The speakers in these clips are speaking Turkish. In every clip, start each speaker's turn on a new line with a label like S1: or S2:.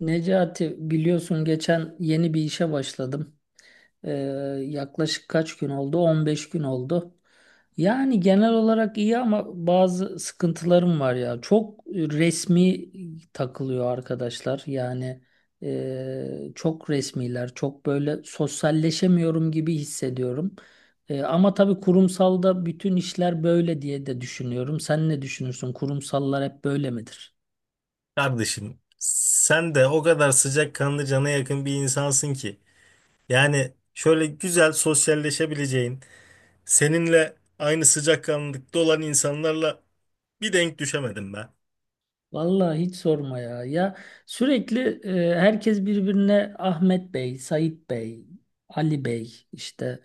S1: Necati biliyorsun geçen yeni bir işe başladım. Ee, yaklaşık kaç gün oldu? On beş gün oldu. Yani genel olarak iyi ama bazı sıkıntılarım var ya. Çok resmi takılıyor arkadaşlar. Yani çok resmiler, çok böyle sosyalleşemiyorum gibi hissediyorum. Ama tabii kurumsalda bütün işler böyle diye de düşünüyorum. Sen ne düşünürsün? Kurumsallar hep böyle midir?
S2: Kardeşim sen de o kadar sıcakkanlı cana yakın bir insansın ki. Yani şöyle güzel sosyalleşebileceğin, seninle aynı sıcakkanlılıkta olan insanlarla bir denk düşemedim ben.
S1: Vallahi hiç sorma ya. Ya sürekli herkes birbirine Ahmet Bey, Sait Bey, Ali Bey, işte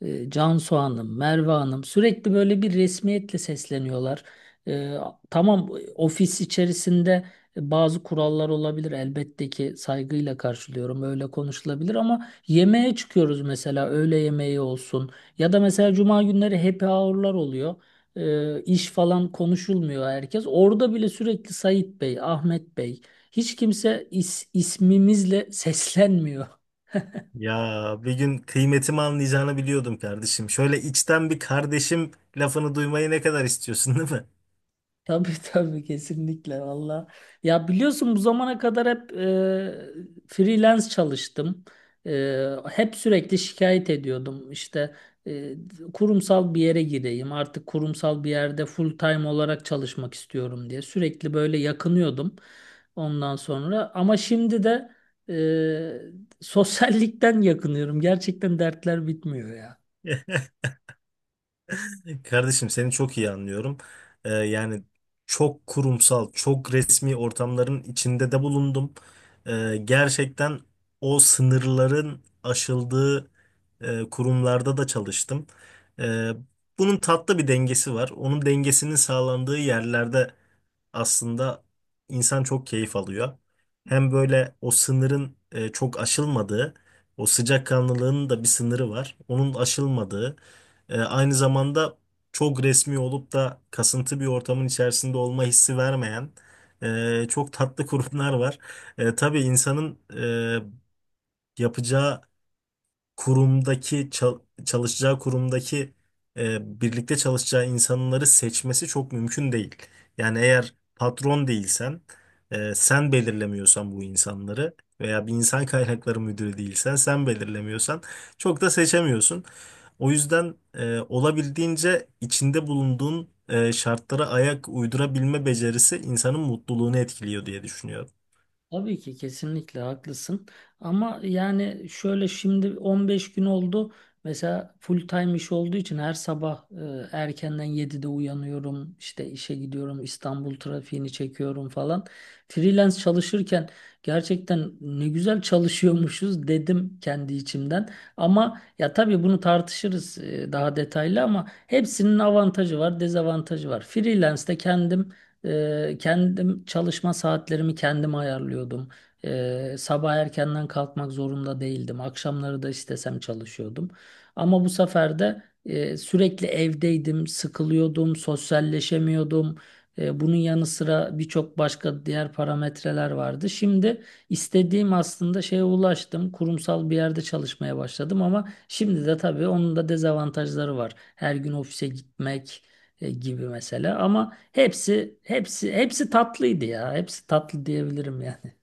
S1: Cansu Hanım, Merve Hanım sürekli böyle bir resmiyetle sesleniyorlar. E, tamam, ofis içerisinde bazı kurallar olabilir elbette ki saygıyla karşılıyorum, öyle konuşulabilir ama yemeğe çıkıyoruz mesela, öğle yemeği olsun ya da mesela cuma günleri happy hour'lar oluyor, iş falan konuşulmuyor herkes. Orada bile sürekli Sait Bey, Ahmet Bey, hiç kimse ismimizle seslenmiyor.
S2: Ya bir gün kıymetimi anlayacağını biliyordum kardeşim. Şöyle içten bir kardeşim lafını duymayı ne kadar istiyorsun değil mi?
S1: Tabii, tabii kesinlikle valla. Ya biliyorsun bu zamana kadar hep freelance çalıştım. Hep sürekli şikayet ediyordum. İşte e, kurumsal bir yere gireyim artık, kurumsal bir yerde full time olarak çalışmak istiyorum diye. Sürekli böyle yakınıyordum ondan sonra. Ama şimdi de sosyallikten yakınıyorum. Gerçekten dertler bitmiyor ya.
S2: Kardeşim seni çok iyi anlıyorum. Yani çok kurumsal, çok resmi ortamların içinde de bulundum. Gerçekten o sınırların aşıldığı kurumlarda da çalıştım. Ee, Bunun tatlı bir dengesi var. Onun dengesinin sağlandığı yerlerde aslında insan çok keyif alıyor. Hem böyle o sınırın çok aşılmadığı, o sıcakkanlılığın da bir sınırı var. Onun aşılmadığı, aynı zamanda çok resmi olup da kasıntı bir ortamın içerisinde olma hissi vermeyen çok tatlı kurumlar var. E, tabii insanın yapacağı kurumdaki çalışacağı kurumdaki birlikte çalışacağı insanları seçmesi çok mümkün değil. Yani eğer patron değilsen, sen belirlemiyorsan bu insanları veya bir insan kaynakları müdürü değilsen, sen belirlemiyorsan çok da seçemiyorsun. O yüzden olabildiğince içinde bulunduğun şartlara ayak uydurabilme becerisi insanın mutluluğunu etkiliyor diye düşünüyorum.
S1: Tabii ki kesinlikle haklısın. Ama yani şöyle, şimdi 15 gün oldu. Mesela full time iş olduğu için her sabah erkenden 7'de uyanıyorum. İşte işe gidiyorum. İstanbul trafiğini çekiyorum falan. Freelance çalışırken gerçekten ne güzel çalışıyormuşuz dedim kendi içimden. Ama ya tabii bunu tartışırız daha detaylı ama hepsinin avantajı var, dezavantajı var. Freelance'de kendim çalışma saatlerimi kendim ayarlıyordum. Sabah erkenden kalkmak zorunda değildim. Akşamları da istesem çalışıyordum. Ama bu sefer de sürekli evdeydim, sıkılıyordum, sosyalleşemiyordum. Bunun yanı sıra birçok başka diğer parametreler vardı. Şimdi istediğim aslında şeye ulaştım. Kurumsal bir yerde çalışmaya başladım ama şimdi de tabii onun da dezavantajları var. Her gün ofise gitmek gibi mesela, ama hepsi hepsi hepsi tatlıydı ya. Hepsi tatlı diyebilirim yani.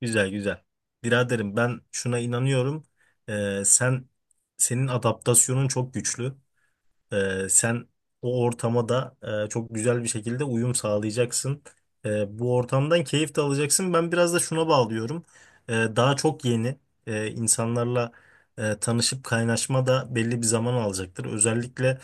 S2: Güzel güzel. Biraderim ben şuna inanıyorum. Sen senin adaptasyonun çok güçlü. Sen o ortama da çok güzel bir şekilde uyum sağlayacaksın. Bu ortamdan keyif de alacaksın. Ben biraz da şuna bağlıyorum. Daha çok yeni insanlarla tanışıp kaynaşma da belli bir zaman alacaktır. Özellikle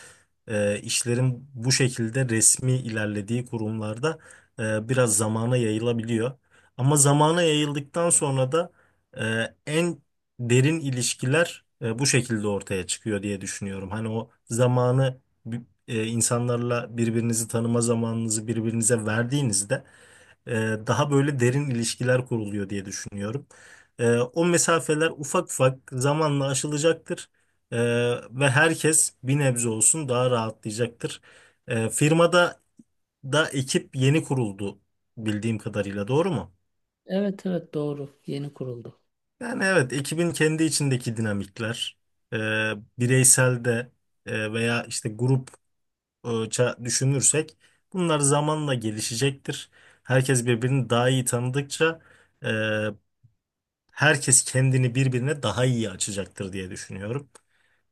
S2: işlerin bu şekilde resmi ilerlediği kurumlarda biraz zamana yayılabiliyor. Ama zamana yayıldıktan sonra da en derin ilişkiler bu şekilde ortaya çıkıyor diye düşünüyorum. Hani o zamanı bi- insanlarla birbirinizi tanıma zamanınızı birbirinize verdiğinizde e, daha böyle derin ilişkiler kuruluyor diye düşünüyorum. O mesafeler ufak ufak zamanla aşılacaktır. E, Ve herkes bir nebze olsun daha rahatlayacaktır. Firmada da ekip yeni kuruldu bildiğim kadarıyla doğru mu?
S1: Evet evet doğru. Yeni kuruldu.
S2: Yani evet, ekibin kendi içindeki dinamikler, e, bireysel de veya işte grupça düşünürsek bunlar zamanla gelişecektir. Herkes birbirini daha iyi tanıdıkça e, herkes kendini birbirine daha iyi açacaktır diye düşünüyorum.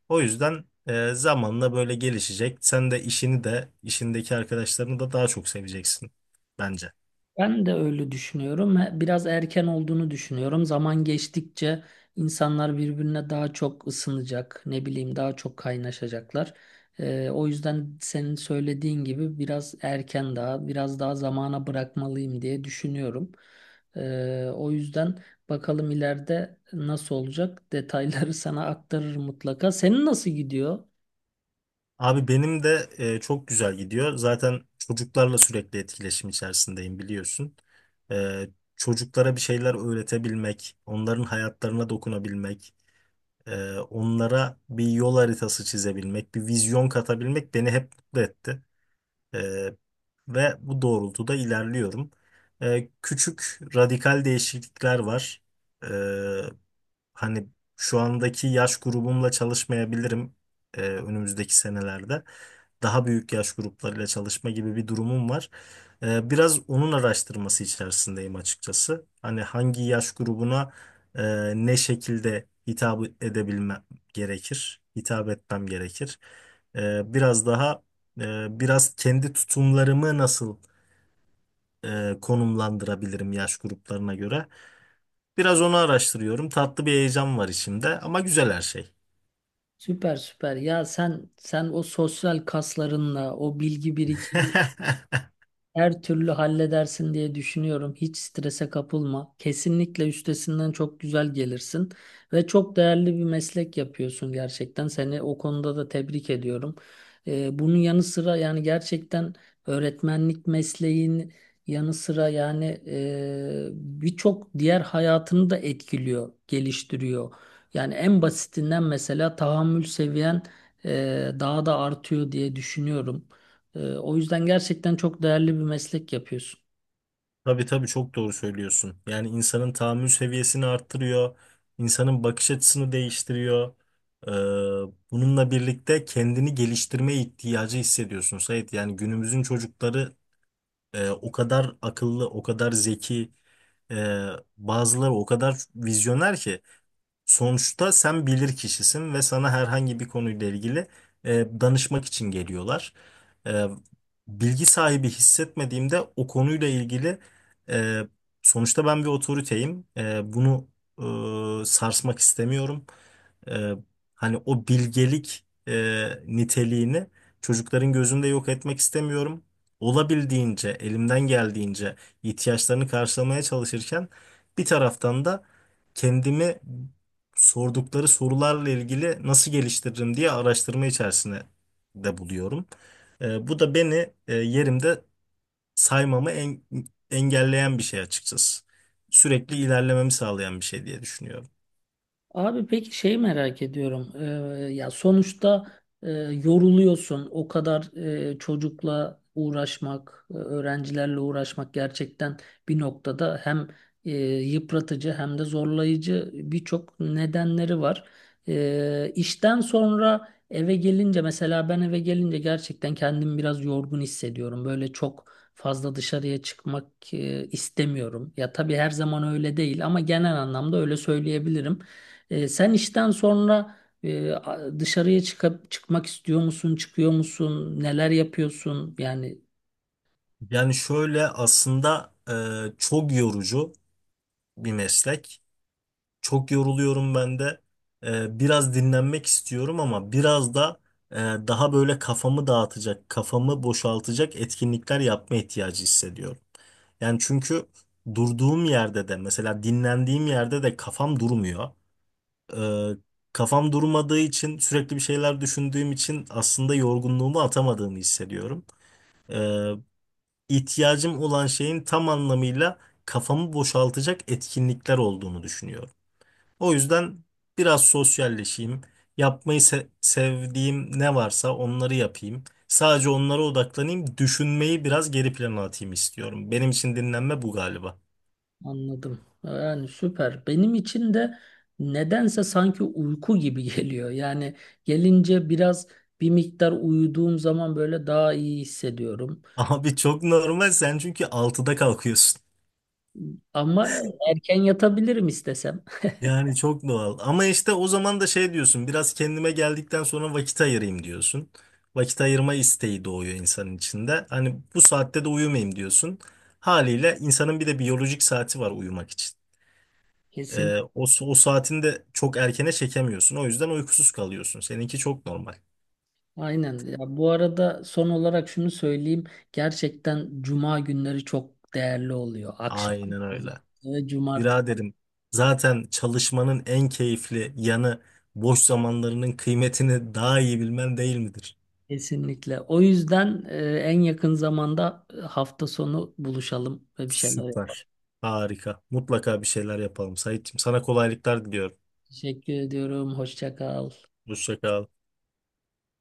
S2: O yüzden zamanla böyle gelişecek. Sen de işini de işindeki arkadaşlarını da daha çok seveceksin bence.
S1: Ben de öyle düşünüyorum. Biraz erken olduğunu düşünüyorum. Zaman geçtikçe insanlar birbirine daha çok ısınacak, ne bileyim daha çok kaynaşacaklar. O yüzden senin söylediğin gibi biraz erken daha, biraz daha zamana bırakmalıyım diye düşünüyorum. O yüzden bakalım ileride nasıl olacak. Detayları sana aktarırım mutlaka. Senin nasıl gidiyor?
S2: Abi benim de çok güzel gidiyor. Zaten çocuklarla sürekli etkileşim içerisindeyim biliyorsun. E, Çocuklara bir şeyler öğretebilmek, onların hayatlarına dokunabilmek, onlara bir yol haritası çizebilmek, bir vizyon katabilmek beni hep mutlu etti. E, Ve bu doğrultuda ilerliyorum. Küçük radikal değişiklikler var. E, Hani şu andaki yaş grubumla çalışmayabilirim, önümüzdeki senelerde daha büyük yaş gruplarıyla çalışma gibi bir durumum var. Biraz onun araştırması içerisindeyim açıkçası. Hani hangi yaş grubuna e, ne şekilde hitap edebilmem gerekir, hitap etmem gerekir. Biraz daha biraz kendi tutumlarımı nasıl konumlandırabilirim yaş gruplarına göre. Biraz onu araştırıyorum. Tatlı bir heyecan var içimde ama güzel her şey.
S1: Süper süper. Ya sen o sosyal kaslarınla, o bilgi birikimi her türlü halledersin diye düşünüyorum. Hiç strese kapılma. Kesinlikle üstesinden çok güzel gelirsin ve çok değerli bir meslek yapıyorsun gerçekten. Seni o konuda da tebrik ediyorum. Bunun yanı sıra yani gerçekten öğretmenlik mesleğin yanı sıra yani birçok diğer hayatını da etkiliyor, geliştiriyor. Yani en basitinden mesela tahammül seviyen daha da artıyor diye düşünüyorum. O yüzden gerçekten çok değerli bir meslek yapıyorsun.
S2: Tabii tabii çok doğru söylüyorsun. Yani insanın tahammül seviyesini arttırıyor, insanın bakış açısını değiştiriyor. Ee, Bununla birlikte kendini geliştirme ihtiyacı hissediyorsun Sait. Yani günümüzün çocukları o kadar akıllı, o kadar zeki, e, bazıları o kadar vizyoner ki. Sonuçta sen bilir kişisin ve sana herhangi bir konuyla ilgili danışmak için geliyorlar. E, Bilgi sahibi hissetmediğimde o konuyla ilgili, e, sonuçta ben bir otoriteyim. Bunu sarsmak istemiyorum. E, Hani o bilgelik niteliğini çocukların gözünde yok etmek istemiyorum. Olabildiğince, elimden geldiğince ihtiyaçlarını karşılamaya çalışırken bir taraftan da kendimi sordukları sorularla ilgili nasıl geliştiririm diye araştırma içerisinde de buluyorum. Bu da beni yerimde saymamı engelleyen bir şey açıkçası. Sürekli ilerlememi sağlayan bir şey diye düşünüyorum.
S1: Abi peki şey merak ediyorum. Ya sonuçta yoruluyorsun. O kadar çocukla uğraşmak, öğrencilerle uğraşmak gerçekten bir noktada hem yıpratıcı hem de zorlayıcı birçok nedenleri var. İşten sonra eve gelince mesela ben eve gelince gerçekten kendimi biraz yorgun hissediyorum. Böyle çok fazla dışarıya çıkmak istemiyorum. Ya tabii her zaman öyle değil ama genel anlamda öyle söyleyebilirim. Sen işten sonra dışarıya çıkıp çıkmak istiyor musun, çıkıyor musun, neler yapıyorsun? Yani
S2: Yani şöyle aslında çok yorucu bir meslek. Çok yoruluyorum ben de. Biraz dinlenmek istiyorum ama biraz da daha böyle kafamı dağıtacak, kafamı boşaltacak etkinlikler yapma ihtiyacı hissediyorum. Yani çünkü durduğum yerde de mesela dinlendiğim yerde de kafam durmuyor. Ee, Kafam durmadığı için sürekli bir şeyler düşündüğüm için aslında yorgunluğumu atamadığımı hissediyorum. Ee, ihtiyacım olan şeyin tam anlamıyla kafamı boşaltacak etkinlikler olduğunu düşünüyorum. O yüzden biraz sosyalleşeyim. Yapmayı sevdiğim ne varsa onları yapayım. Sadece onlara odaklanayım. Düşünmeyi biraz geri plana atayım istiyorum. Benim için dinlenme bu galiba.
S1: anladım. Yani süper. Benim için de nedense sanki uyku gibi geliyor. Yani gelince biraz bir miktar uyuduğum zaman böyle daha iyi hissediyorum.
S2: Abi çok normal sen çünkü altıda kalkıyorsun.
S1: Ama erken yatabilirim istesem.
S2: Yani çok doğal. Ama işte o zaman da şey diyorsun, biraz kendime geldikten sonra vakit ayırayım diyorsun. Vakit ayırma isteği doğuyor insanın içinde. Hani bu saatte de uyumayayım diyorsun. Haliyle insanın bir de biyolojik saati var uyumak için.
S1: Kesin.
S2: O saatini de çok erkene çekemiyorsun. O yüzden uykusuz kalıyorsun. Seninki çok normal.
S1: Aynen. Ya bu arada son olarak şunu söyleyeyim. Gerçekten cuma günleri çok değerli oluyor. Akşam
S2: Aynen öyle.
S1: ve cumartesi.
S2: Biraderim zaten çalışmanın en keyifli yanı boş zamanlarının kıymetini daha iyi bilmen değil midir?
S1: Kesinlikle. O yüzden en yakın zamanda hafta sonu buluşalım ve bir şeyler yapalım.
S2: Süper. Harika. Mutlaka bir şeyler yapalım Saitçiğim. Sana kolaylıklar diliyorum.
S1: Teşekkür ediyorum. Hoşça kal.
S2: Hoşça kal.